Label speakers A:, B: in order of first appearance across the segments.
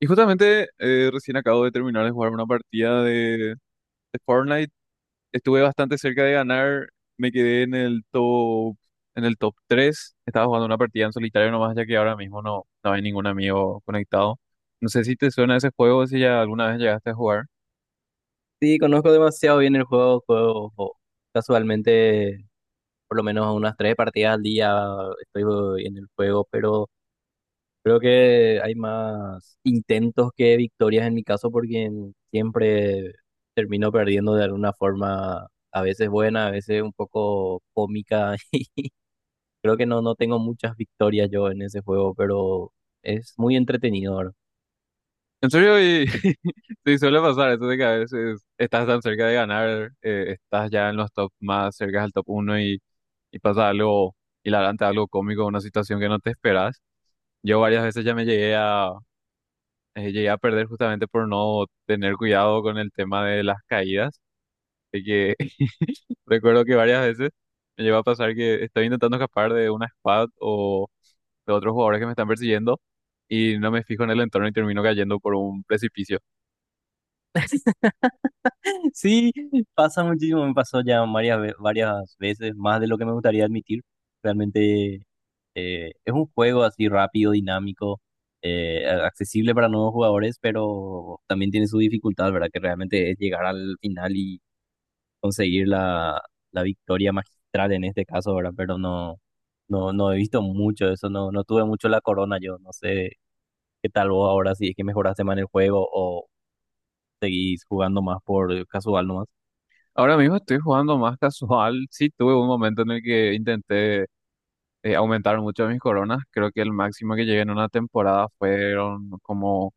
A: Y justamente recién acabo de terminar de jugar una partida de Fortnite. Estuve bastante cerca de ganar. Me quedé en el top tres. Estaba jugando una partida en solitario nomás, ya que ahora mismo no hay ningún amigo conectado. No sé si te suena ese juego, si ya alguna vez llegaste a jugar.
B: Sí, conozco demasiado bien el juego, juego casualmente por lo menos unas tres partidas al día. Estoy en el juego, pero creo que hay más intentos que victorias en mi caso porque siempre termino perdiendo de alguna forma, a veces buena, a veces un poco cómica. Creo que no, no tengo muchas victorias yo en ese juego, pero es muy entretenido ahora.
A: ¿En serio? Y, sí, suele pasar eso de que a veces estás tan cerca de ganar, estás ya en los top más cerca al top uno y pasa algo hilarante, algo cómico, una situación que no te esperas. Yo varias veces ya llegué a perder justamente por no tener cuidado con el tema de las caídas. De que recuerdo que varias veces me llegó a pasar que estoy intentando escapar de una squad o de otros jugadores que me están persiguiendo y no me fijo en el entorno y termino cayendo por un precipicio.
B: Sí, pasa muchísimo, me pasó ya varias veces, más de lo que me gustaría admitir. Realmente es un juego así rápido, dinámico, accesible para nuevos jugadores, pero también tiene su dificultad, ¿verdad? Que realmente es llegar al final y conseguir la victoria magistral en este caso, ¿verdad? Pero no, no, no he visto mucho eso, no, no tuve mucho la corona yo. No sé qué tal vos ahora, si es que mejoraste más en el juego o seguís jugando más por casual nomás.
A: Ahora mismo estoy jugando más casual. Sí, tuve un momento en el que intenté aumentar mucho mis coronas. Creo que el máximo que llegué en una temporada fueron como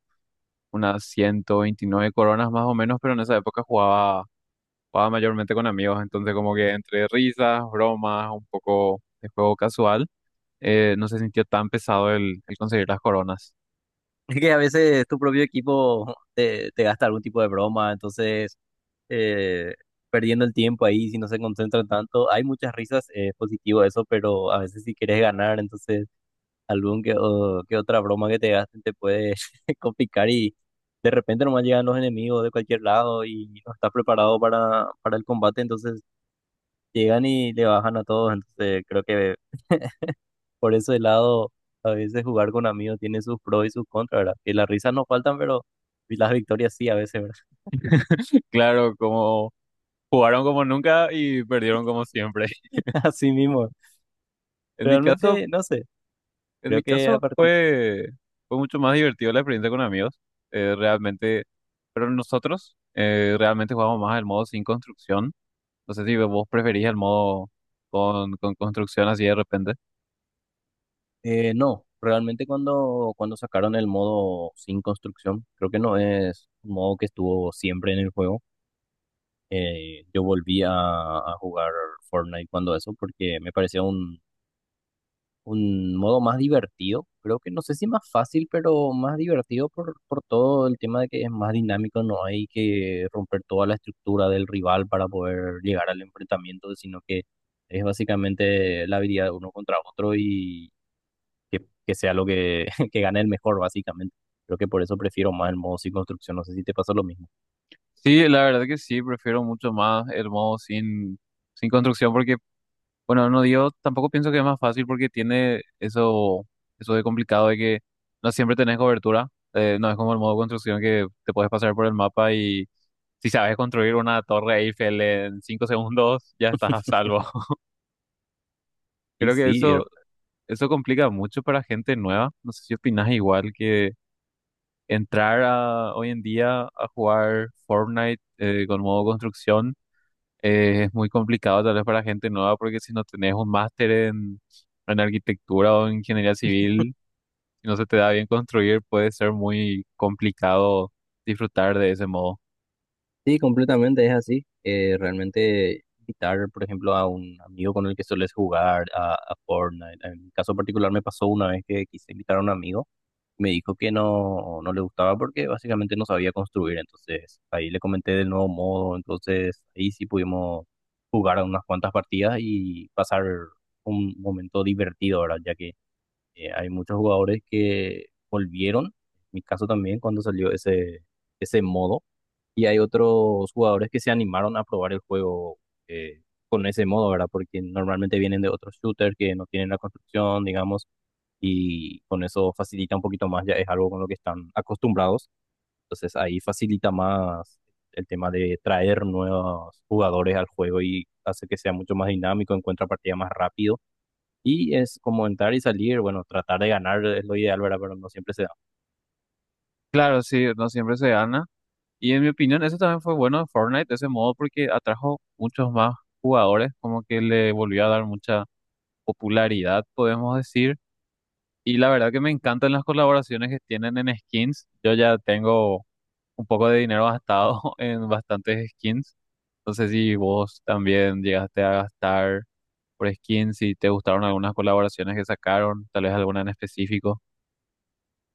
A: unas 129 coronas más o menos, pero en esa época jugaba mayormente con amigos, entonces como que entre risas, bromas, un poco de juego casual, no se sintió tan pesado el conseguir las coronas.
B: Es que a veces tu propio equipo te gasta algún tipo de broma, entonces eh, perdiendo el tiempo ahí, si no se concentran tanto, hay muchas risas, es positivo eso, pero a veces si quieres ganar, entonces algún que otra broma que te gasten te puede complicar, y de repente nomás llegan los enemigos de cualquier lado y no estás preparado para el combate. Entonces llegan y le bajan a todos, entonces creo que por ese lado, a veces jugar con amigos tiene sus pros y sus contras, ¿verdad? Que las risas no faltan, pero las victorias sí, a veces, ¿verdad?
A: Claro, como jugaron como nunca y perdieron como siempre.
B: Así mismo.
A: En mi caso,
B: Realmente, no sé,
A: en
B: creo
A: mi
B: que
A: caso fue, fue mucho más divertido la experiencia con amigos, realmente, pero nosotros realmente jugamos más el modo sin construcción. No sé si vos preferís el modo con construcción así de repente.
B: no, realmente cuando sacaron el modo sin construcción, creo que no es un modo que estuvo siempre en el juego. Yo volví a jugar Fortnite cuando eso, porque me parecía un modo más divertido. Creo que no sé si más fácil, pero más divertido por todo el tema de que es más dinámico, no hay que romper toda la estructura del rival para poder llegar al enfrentamiento, sino que es básicamente la habilidad de uno contra otro, y que sea lo que, que gane el mejor, básicamente. Creo que por eso prefiero más el modo sin construcción. No sé si te pasa lo mismo.
A: Sí, la verdad que sí, prefiero mucho más el modo sin construcción porque, bueno, no digo, tampoco pienso que es más fácil porque tiene eso, eso de complicado de que no siempre tenés cobertura. No es como el modo construcción que te puedes pasar por el mapa y si sabes construir una torre Eiffel en 5 segundos, ya estás a salvo.
B: Y
A: Creo que
B: sí,
A: eso complica mucho para gente nueva. No sé si opinas igual que entrar a, hoy en día a jugar Fortnite con modo construcción. Es muy complicado tal vez para gente nueva porque si no tenés un máster en arquitectura o en ingeniería civil, si no se te da bien construir, puede ser muy complicado disfrutar de ese modo.
B: sí, completamente es así. Realmente invitar, por ejemplo, a un amigo con el que sueles jugar a Fortnite. En mi caso particular me pasó una vez que quise invitar a un amigo, me dijo que no, no le gustaba porque básicamente no sabía construir. Entonces ahí le comenté del nuevo modo, entonces ahí sí pudimos jugar unas cuantas partidas y pasar un momento divertido, ¿verdad? Ya que hay muchos jugadores que volvieron, en mi caso también, cuando salió ese, ese modo, y hay otros jugadores que se animaron a probar el juego eh, con ese modo, ¿verdad? Porque normalmente vienen de otros shooters que no tienen la construcción, digamos, y con eso facilita un poquito más, ya es algo con lo que están acostumbrados, entonces ahí facilita más el tema de traer nuevos jugadores al juego, y hace que sea mucho más dinámico, encuentra partida más rápido, y es como entrar y salir. Bueno, tratar de ganar es lo ideal, ¿verdad? Pero no siempre se da.
A: Claro, sí, no siempre se gana. Y en mi opinión, eso también fue bueno de Fortnite, de ese modo, porque atrajo muchos más jugadores, como que le volvió a dar mucha popularidad, podemos decir. Y la verdad que me encantan las colaboraciones que tienen en skins. Yo ya tengo un poco de dinero gastado en bastantes skins. No sé si vos también llegaste a gastar por skins, si te gustaron algunas colaboraciones que sacaron, tal vez alguna en específico.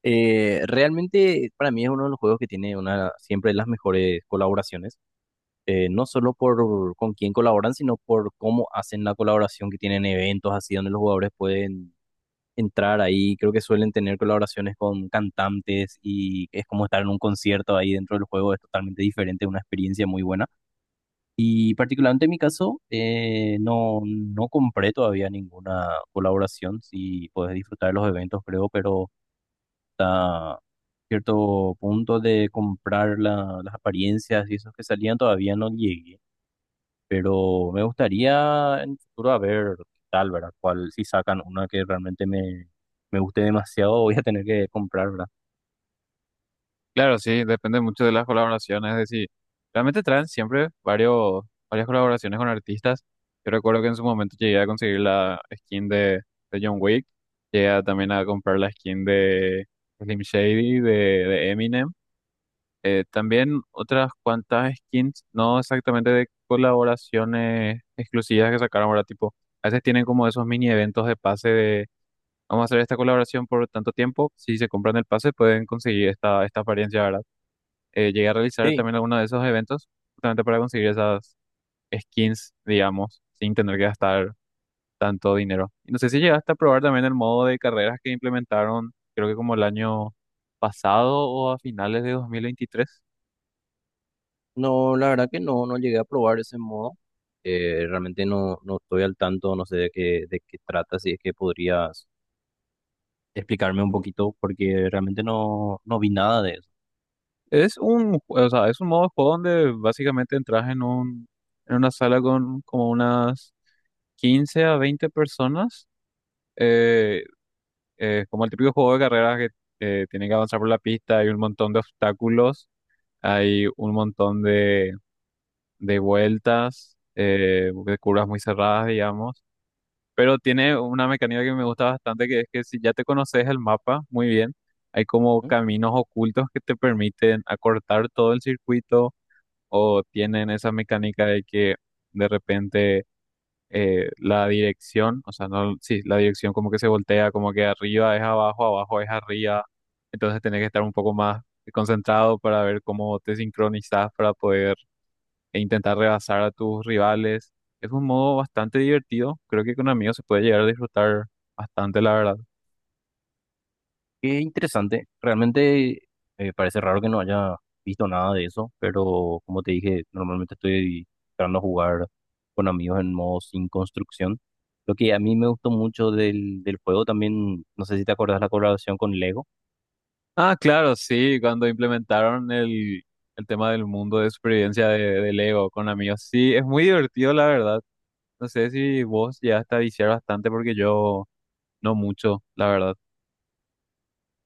B: Realmente para mí es uno de los juegos que tiene una, siempre las mejores colaboraciones, no solo por con quién colaboran, sino por cómo hacen la colaboración, que tienen eventos así donde los jugadores pueden entrar ahí. Creo que suelen tener colaboraciones con cantantes y es como estar en un concierto ahí dentro del juego, es totalmente diferente, una experiencia muy buena. Y particularmente en mi caso, no, no compré todavía ninguna colaboración, si puedes disfrutar de los eventos, creo, pero hasta cierto punto de comprar la- las apariencias y esos que salían todavía no llegué, pero me gustaría en el futuro a ver qué tal, ¿verdad? Cuál, si sacan una que realmente me guste demasiado, voy a tener que comprar, ¿verdad?
A: Claro, sí, depende mucho de las colaboraciones, es decir, realmente traen siempre varias colaboraciones con artistas. Yo recuerdo que en su momento llegué a conseguir la skin de John Wick, también a comprar la skin de Slim Shady, de Eminem. También otras cuantas skins, no exactamente de colaboraciones exclusivas que sacaron ahora, tipo, a veces tienen como esos mini eventos de pase de, vamos a hacer esta colaboración por tanto tiempo, si se compran el pase pueden conseguir esta, esta apariencia, ¿verdad? Llegué a realizar
B: Sí,
A: también algunos de esos eventos justamente para conseguir esas skins, digamos, sin tener que gastar tanto dinero. Y no sé si llegaste a probar también el modo de carreras que implementaron, creo que como el año pasado o a finales de 2023.
B: no, la verdad que no, no llegué a probar ese modo. Realmente no, no estoy al tanto, no sé de qué trata, si es que podrías explicarme un poquito, porque realmente no, no vi nada de eso.
A: Es un, ju- o sea, Es un modo de juego donde básicamente en una sala con como unas 15 a 20 personas, eh, como el típico juego de carreras que tiene que avanzar por la pista, hay un montón de obstáculos, hay un montón de vueltas, de curvas muy cerradas, digamos, pero tiene una mecánica que me gusta bastante, que es que si ya te conoces el mapa muy bien, hay como caminos ocultos que te permiten acortar todo el circuito o tienen esa mecánica de que de repente la dirección, o sea, no, sí, la dirección como que se voltea, como que arriba es abajo, abajo es arriba, entonces tenés que estar un poco más concentrado para ver cómo te sincronizas para poder e intentar rebasar a tus rivales. Es un modo bastante divertido, creo que con amigos se puede llegar a disfrutar bastante, la verdad.
B: Qué interesante. Realmente parece raro que no haya visto nada de eso, pero como te dije, normalmente estoy tratando de jugar con amigos en modo sin construcción. Lo que a mí me gustó mucho del juego también, no sé si te acordás la colaboración con Lego.
A: Ah, claro, sí, cuando implementaron el tema del mundo de supervivencia de Lego con amigos, sí, es muy divertido, la verdad. No sé si vos ya a viciar bastante porque yo no mucho, la verdad.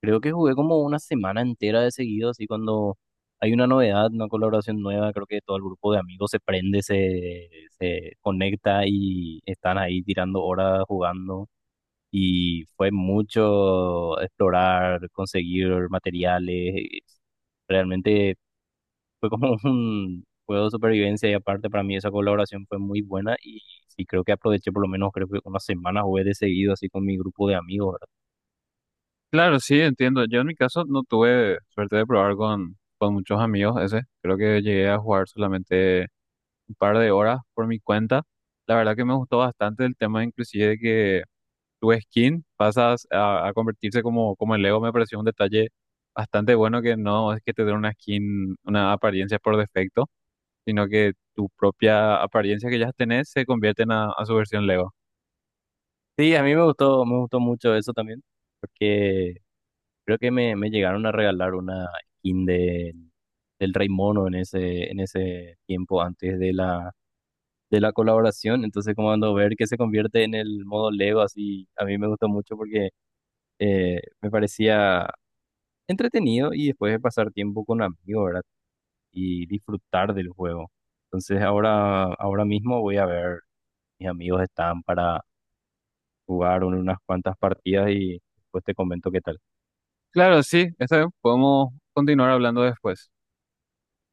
B: Creo que jugué como una semana entera de seguido, así cuando hay una novedad, una colaboración nueva, creo que todo el grupo de amigos se prende, se conecta y están ahí tirando horas jugando. Y fue mucho explorar, conseguir materiales. Realmente fue como un juego de supervivencia, y aparte para mí esa colaboración fue muy buena, y sí creo que aproveché por lo menos creo que una semana jugué de seguido así con mi grupo de amigos, ¿verdad?
A: Claro, sí, entiendo. Yo en mi caso no tuve suerte de probar con muchos amigos ese. Creo que llegué a jugar solamente un par de horas por mi cuenta. La verdad que me gustó bastante el tema inclusive de que tu skin pasas a convertirse como, como el Lego. Me pareció un detalle bastante bueno que no es que te den una skin, una apariencia por defecto, sino que tu propia apariencia que ya tenés se convierte en a su versión Lego.
B: Sí, a mí me gustó mucho eso también, porque creo que me llegaron a regalar una skin del Rey Mono en ese tiempo antes de la colaboración. Entonces, como cuando ver que se convierte en el modo Lego, así, a mí me gustó mucho porque me parecía entretenido y después de pasar tiempo con amigos, ¿verdad? Y disfrutar del juego. Entonces, ahora, ahora mismo voy a ver, mis amigos están para jugar unas cuantas partidas y después te comento qué tal.
A: Claro, sí, está bien, podemos continuar hablando después.